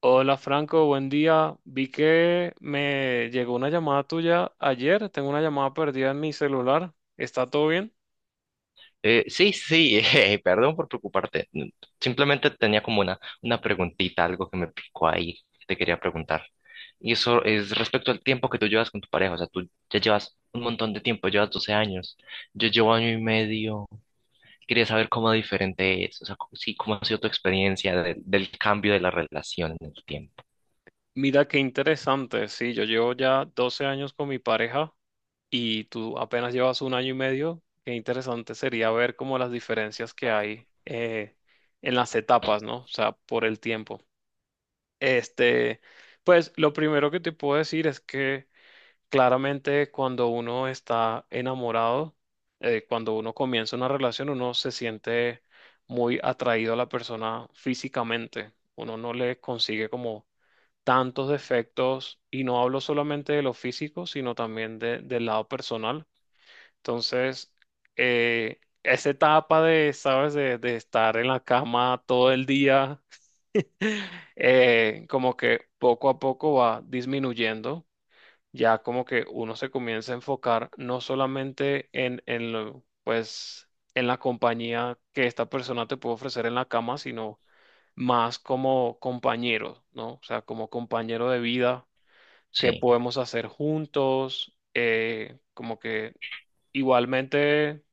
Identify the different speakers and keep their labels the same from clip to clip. Speaker 1: Hola Franco, buen día. Vi que me llegó una llamada tuya ayer. Tengo una llamada perdida en mi celular. ¿Está todo bien?
Speaker 2: Sí, sí, perdón por preocuparte. Mm, Simplemente tenía como una preguntita, algo que me picó ahí, que te quería preguntar. Y eso es respecto al tiempo que tú llevas con tu pareja. O sea, tú ya llevas un montón de tiempo, llevas 12 años. Yo llevo año y medio. Quería saber cómo diferente es. O sea, sí, cómo ha sido tu experiencia del cambio de la relación en el tiempo.
Speaker 1: Mira qué interesante. Sí, yo llevo ya 12 años con mi pareja y tú apenas llevas un año y medio. Qué interesante sería ver como las diferencias que hay en las etapas, ¿no? O sea, por el tiempo. Este, pues lo primero que te puedo decir es que claramente, cuando uno está enamorado, cuando uno comienza una relación, uno se siente muy atraído a la persona físicamente. Uno no le consigue como tantos defectos y no hablo solamente de lo físico, sino también del lado personal. Entonces, esa etapa de, ¿sabes? De estar en la cama todo el día, como que poco a poco va disminuyendo ya como que uno se comienza a enfocar no solamente en lo, pues, en la compañía que esta persona te puede ofrecer en la cama, sino más como compañero, ¿no? O sea, como compañero de vida, qué
Speaker 2: Sí,
Speaker 1: podemos hacer juntos, como que igualmente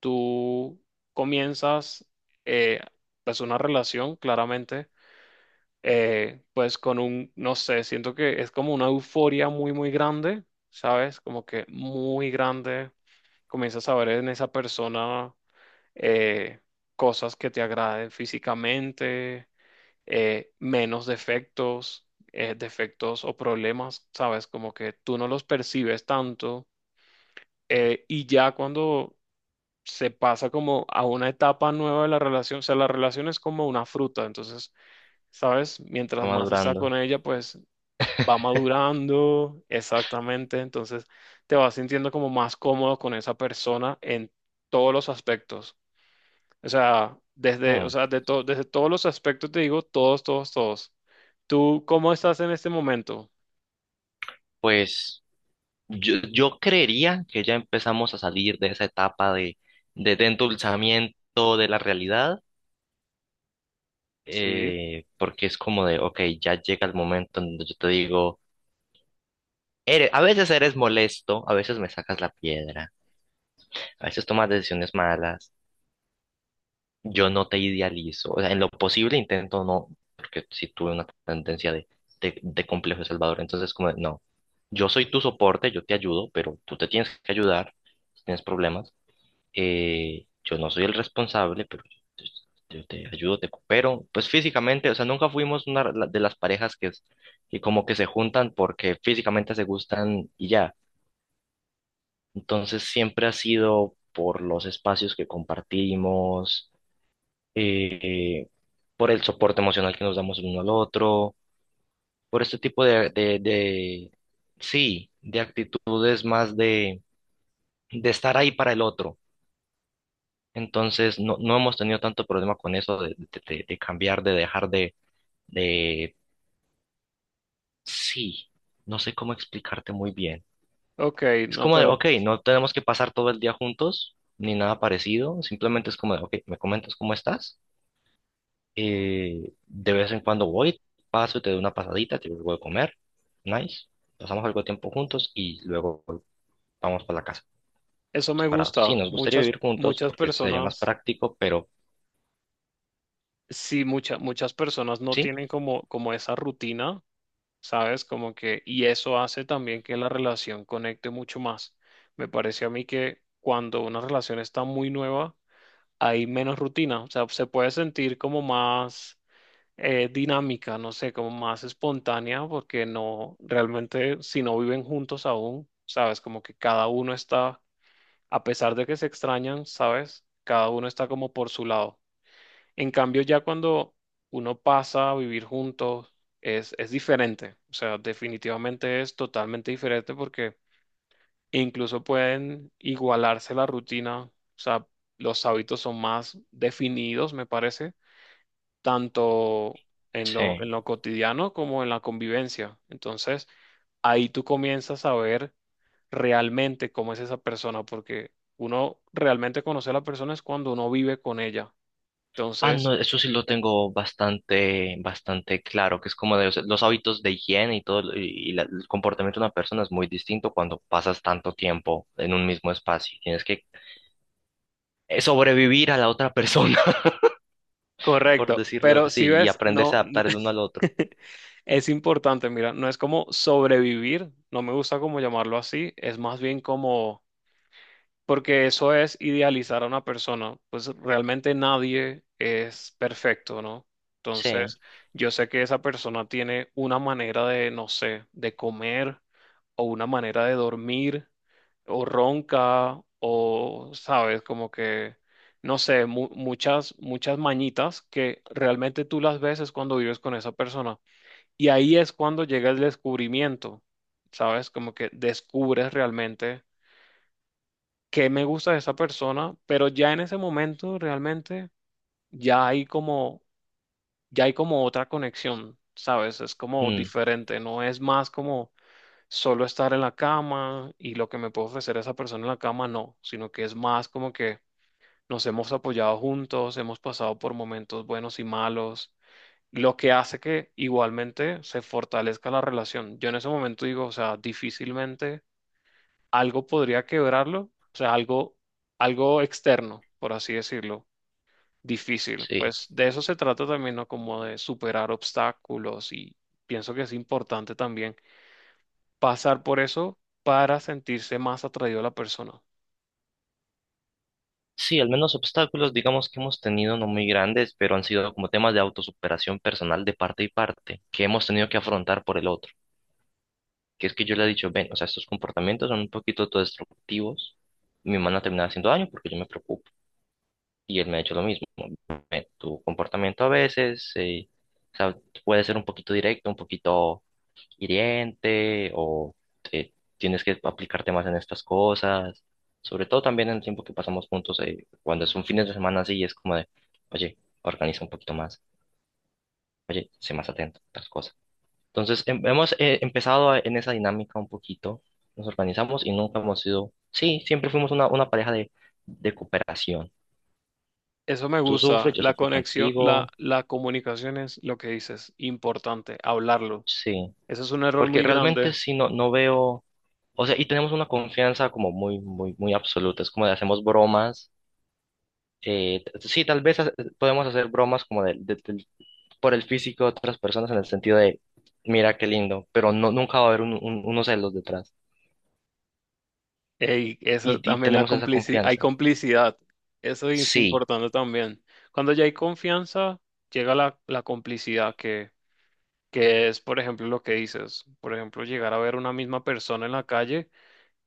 Speaker 1: tú comienzas, eh, pues, una relación, claramente pues con un, no sé, siento que es como una euforia muy, muy grande, ¿sabes? Como que muy grande. Comienzas a ver en esa persona eh, cosas que te agraden físicamente, menos defectos, defectos o problemas, ¿sabes? Como que tú no los percibes tanto. Y ya cuando se pasa como a una etapa nueva de la relación, o sea, la relación es como una fruta, entonces. ¿Sabes?
Speaker 2: va
Speaker 1: Mientras más está
Speaker 2: madurando.
Speaker 1: con ella, pues va madurando, exactamente, entonces te vas sintiendo como más cómodo con esa persona en todos los aspectos. O sea, desde, o
Speaker 2: Mm,
Speaker 1: sea, desde todos los aspectos te digo, todos, todos, todos. ¿Tú cómo estás en este momento?
Speaker 2: Pues, yo creería que ya empezamos a salir de esa etapa de, de endulzamiento de la realidad,
Speaker 1: Sí.
Speaker 2: porque es como de, ok, ya llega el momento en donde yo te digo, eres, a veces eres molesto, a veces me sacas la piedra, a veces tomas decisiones malas, yo no te idealizo, o sea, en lo posible intento no, porque si tuve una tendencia de, de complejo de Salvador, entonces como de, no, yo soy tu soporte, yo te ayudo, pero tú te tienes que ayudar si tienes problemas. Yo no soy el responsable, pero yo te ayudo, te coopero. Pues físicamente, o sea, nunca fuimos una de las parejas que como que se juntan porque físicamente se gustan y ya. Entonces siempre ha sido por los espacios que compartimos, eh, por el soporte emocional que nos damos el uno al otro, por este tipo de, de sí, de actitudes más de estar ahí para el otro. Entonces, no, no hemos tenido tanto problema con eso de, de cambiar, de dejar de, de. Sí, no sé cómo explicarte muy bien.
Speaker 1: Ok,
Speaker 2: Es
Speaker 1: no,
Speaker 2: como de,
Speaker 1: pero
Speaker 2: ok, no tenemos que pasar todo el día juntos, ni nada parecido. Simplemente es como de, ok, me comentas cómo estás. De vez en cuando voy, paso y te doy una pasadita, te voy a comer. Nice. Pasamos algo de tiempo juntos y luego vamos para la casa,
Speaker 1: eso me
Speaker 2: separados. Sí,
Speaker 1: gusta.
Speaker 2: nos gustaría
Speaker 1: Muchas,
Speaker 2: vivir juntos
Speaker 1: muchas
Speaker 2: porque sería más
Speaker 1: personas,
Speaker 2: práctico, pero
Speaker 1: sí, muchas, muchas personas no
Speaker 2: sí,
Speaker 1: tienen como, esa rutina. ¿Sabes? Como que, y eso hace también que la relación conecte mucho más. Me parece a mí que cuando una relación está muy nueva, hay menos rutina, o sea, se puede sentir como más dinámica, no sé, como más espontánea, porque no, realmente si no viven juntos aún, ¿sabes? Como que cada uno está, a pesar de que se extrañan, ¿sabes? Cada uno está como por su lado. En cambio, ya cuando uno pasa a vivir juntos, es diferente. O sea, definitivamente es totalmente diferente porque incluso pueden igualarse la rutina. O sea, los hábitos son más definidos, me parece, tanto en lo, en
Speaker 2: sí.
Speaker 1: lo cotidiano como en la convivencia. Entonces, ahí tú comienzas a ver realmente cómo es esa persona, porque uno realmente conoce a la persona es cuando uno vive con ella.
Speaker 2: Ah,
Speaker 1: Entonces,
Speaker 2: no, eso sí lo tengo bastante, bastante claro, que es como de, o sea, los hábitos de higiene y todo, y el comportamiento de una persona es muy distinto cuando pasas tanto tiempo en un mismo espacio. Tienes que sobrevivir a la otra persona, por
Speaker 1: correcto,
Speaker 2: decirlo
Speaker 1: pero
Speaker 2: así,
Speaker 1: si
Speaker 2: y
Speaker 1: ves, no,
Speaker 2: aprenderse a adaptar el uno al otro.
Speaker 1: es importante, mira, no es como sobrevivir, no me gusta como llamarlo así, es más bien como porque eso es idealizar a una persona, pues realmente nadie es perfecto, ¿no?
Speaker 2: Sí,
Speaker 1: Entonces, yo sé que esa persona tiene una manera de, no sé, de comer o una manera de dormir o ronca o, sabes, como que, no sé, muchas, muchas mañitas que realmente tú las ves es cuando vives con esa persona. Y ahí es cuando llega el descubrimiento, ¿sabes? Como que descubres realmente qué me gusta de esa persona, pero ya en ese momento realmente ya hay como, ya hay como otra conexión, ¿sabes? Es como
Speaker 2: mm,
Speaker 1: diferente, no es más como solo estar en la cama y lo que me puede ofrecer esa persona en la cama, no, sino que es más como que nos hemos apoyado juntos, hemos pasado por momentos buenos y malos. Lo que hace que igualmente se fortalezca la relación. Yo en ese momento digo, o sea, difícilmente algo podría quebrarlo, o sea, algo externo, por así decirlo, difícil.
Speaker 2: sí.
Speaker 1: Pues de eso se trata también, ¿no? Como de superar obstáculos y pienso que es importante también pasar por eso para sentirse más atraído a la persona.
Speaker 2: Sí, al menos obstáculos, digamos que hemos tenido no muy grandes, pero han sido como temas de autosuperación personal de parte y parte, que hemos tenido que afrontar por el otro, que es que yo le he dicho, ven, o sea, estos comportamientos son un poquito autodestructivos, me van a terminar haciendo daño porque yo me preocupo. Y él me ha hecho lo mismo, ¿no? Ven, tu comportamiento a veces, o sea, puede ser un poquito directo, un poquito hiriente, o eh, tienes que aplicarte más en estas cosas, sobre todo también en el tiempo que pasamos juntos, cuando es un fin de semana así, es como de, oye, organiza un poquito más, oye, sé más atento a otras cosas. Entonces, hemos empezado en esa dinámica un poquito, nos organizamos y nunca hemos sido, sí, siempre fuimos una pareja de cooperación.
Speaker 1: Eso me
Speaker 2: Tú
Speaker 1: gusta,
Speaker 2: sufres, yo
Speaker 1: la
Speaker 2: sufro
Speaker 1: conexión, la,
Speaker 2: contigo,
Speaker 1: la comunicación es lo que dices, importante, hablarlo.
Speaker 2: sí,
Speaker 1: Eso es un error
Speaker 2: porque
Speaker 1: muy
Speaker 2: realmente
Speaker 1: grande.
Speaker 2: sí no, no veo, o sea, y tenemos una confianza como muy, muy, muy absoluta, es como de hacemos bromas, sí, tal vez podemos hacer bromas como por el físico de otras personas en el sentido de, mira qué lindo, pero no, nunca va a haber unos celos detrás
Speaker 1: Ey, eso
Speaker 2: y
Speaker 1: también
Speaker 2: tenemos esa
Speaker 1: hay
Speaker 2: confianza.
Speaker 1: complicidad. Eso es
Speaker 2: Sí.
Speaker 1: importante también. Cuando ya hay confianza, llega la complicidad que es, por ejemplo, lo que dices. Por ejemplo, llegar a ver una misma persona en la calle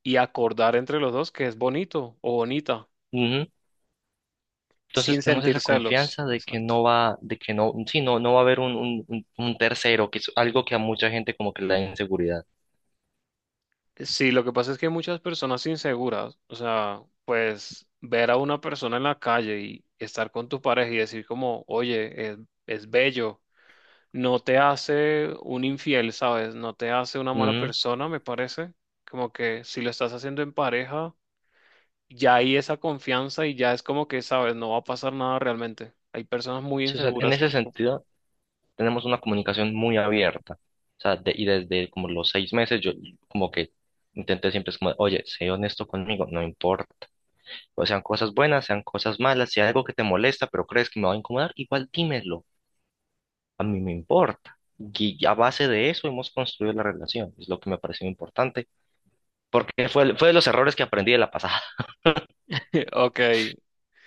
Speaker 1: y acordar entre los dos que es bonito o bonita,
Speaker 2: Ujú.
Speaker 1: sin
Speaker 2: Entonces tenemos
Speaker 1: sentir
Speaker 2: esa
Speaker 1: celos.
Speaker 2: confianza de que
Speaker 1: Exacto.
Speaker 2: no va, de que no, sí, no, no va a haber un tercero, que es algo que a mucha gente como que le da inseguridad.
Speaker 1: Sí, lo que pasa es que hay muchas personas inseguras, o sea, pues ver a una persona en la calle y estar con tu pareja y decir como, oye, es bello no te hace un infiel, ¿sabes? No te hace una mala
Speaker 2: Ujú.
Speaker 1: persona, me parece. Como que si lo estás haciendo en pareja, ya hay esa confianza y ya es como que, ¿sabes? No va a pasar nada realmente. Hay personas muy
Speaker 2: Sí, o sea, en
Speaker 1: inseguras
Speaker 2: ese
Speaker 1: que.
Speaker 2: sentido tenemos una comunicación muy abierta. O sea, y desde como los 6 meses yo como que intenté siempre es como, oye, sé honesto conmigo, no importa. O sean cosas buenas, sean cosas malas, si hay algo que te molesta, pero crees que me va a incomodar, igual dímelo. A mí me importa. Y a base de eso hemos construido la relación. Es lo que me pareció importante porque fue, fue de los errores que aprendí de la pasada.
Speaker 1: Ok,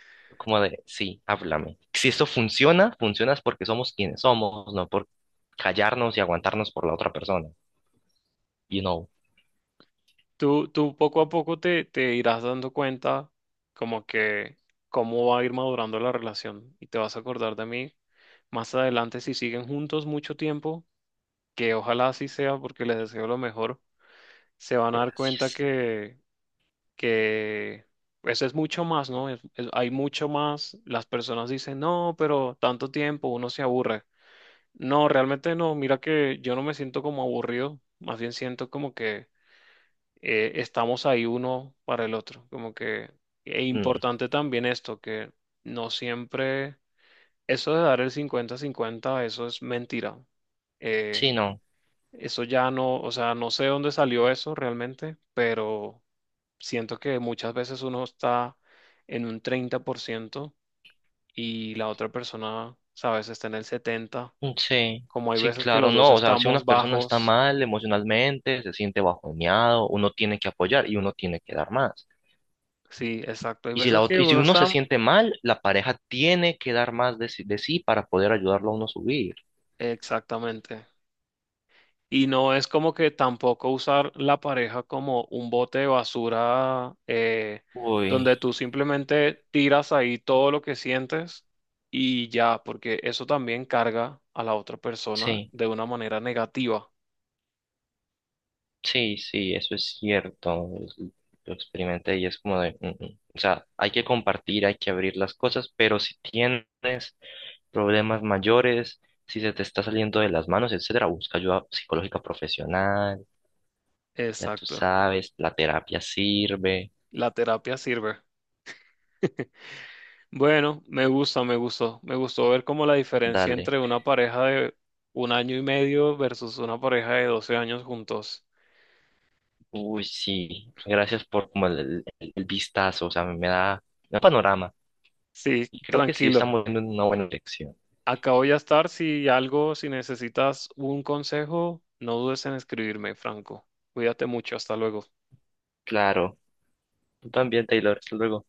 Speaker 2: Fue como de, sí, háblame. Si esto funciona, funciona es porque somos quienes somos, no por callarnos y aguantarnos por la otra persona. You know,
Speaker 1: tú poco a poco te irás dando cuenta como que cómo va a ir madurando la relación y te vas a acordar de mí más adelante si siguen juntos mucho tiempo, que ojalá así sea porque les deseo lo mejor, se van a dar cuenta
Speaker 2: Gracias.
Speaker 1: que que pues es mucho más, ¿no? Hay mucho más. Las personas dicen, no, pero tanto tiempo uno se aburre. No, realmente no. Mira que yo no me siento como aburrido. Más bien siento como que estamos ahí uno para el otro. Como que es
Speaker 2: Mm,
Speaker 1: importante también esto, que no siempre eso de dar el 50-50, eso es mentira. Eh,
Speaker 2: sí, no.
Speaker 1: eso ya no, o sea, no sé dónde salió eso realmente, pero siento que muchas veces uno está en un 30% y la otra persona, sabes, está en el 70%.
Speaker 2: Mm, sí,
Speaker 1: Como hay
Speaker 2: sí,
Speaker 1: veces que
Speaker 2: claro,
Speaker 1: los dos
Speaker 2: no. O sea, si
Speaker 1: estamos
Speaker 2: una persona está
Speaker 1: bajos.
Speaker 2: mal emocionalmente, se siente bajoneado, uno tiene que apoyar y uno tiene que dar más.
Speaker 1: Sí, exacto. Hay
Speaker 2: Y si la
Speaker 1: veces que
Speaker 2: y si
Speaker 1: uno
Speaker 2: uno se
Speaker 1: está.
Speaker 2: siente mal, la pareja tiene que dar más de sí para poder ayudarlo a uno a subir.
Speaker 1: Exactamente. Y no es como que tampoco usar la pareja como un bote de basura
Speaker 2: Uy,
Speaker 1: donde tú simplemente tiras ahí todo lo que sientes y ya, porque eso también carga a la otra persona
Speaker 2: sí.
Speaker 1: de una manera negativa.
Speaker 2: Sí, sí, eso es cierto. Lo experimenté y es como de, "Mm, mm". O sea, hay que compartir, hay que abrir las cosas, pero si tienes problemas mayores, si se te está saliendo de las manos, etcétera, busca ayuda psicológica profesional, ya tú
Speaker 1: Exacto.
Speaker 2: sabes, la terapia sirve,
Speaker 1: La terapia sirve. Bueno, me gusta, me gustó. Me gustó ver como la diferencia
Speaker 2: dale.
Speaker 1: entre una pareja de un año y medio versus una pareja de 12 años juntos.
Speaker 2: Uy, sí, gracias por como el, el vistazo, o sea, me da un panorama
Speaker 1: Sí,
Speaker 2: y creo que sí
Speaker 1: tranquilo.
Speaker 2: estamos en una buena dirección.
Speaker 1: Acá voy a estar. Si algo, si necesitas un consejo, no dudes en escribirme, Franco. Cuídate mucho. Hasta luego.
Speaker 2: Claro, tú también, Taylor, hasta luego.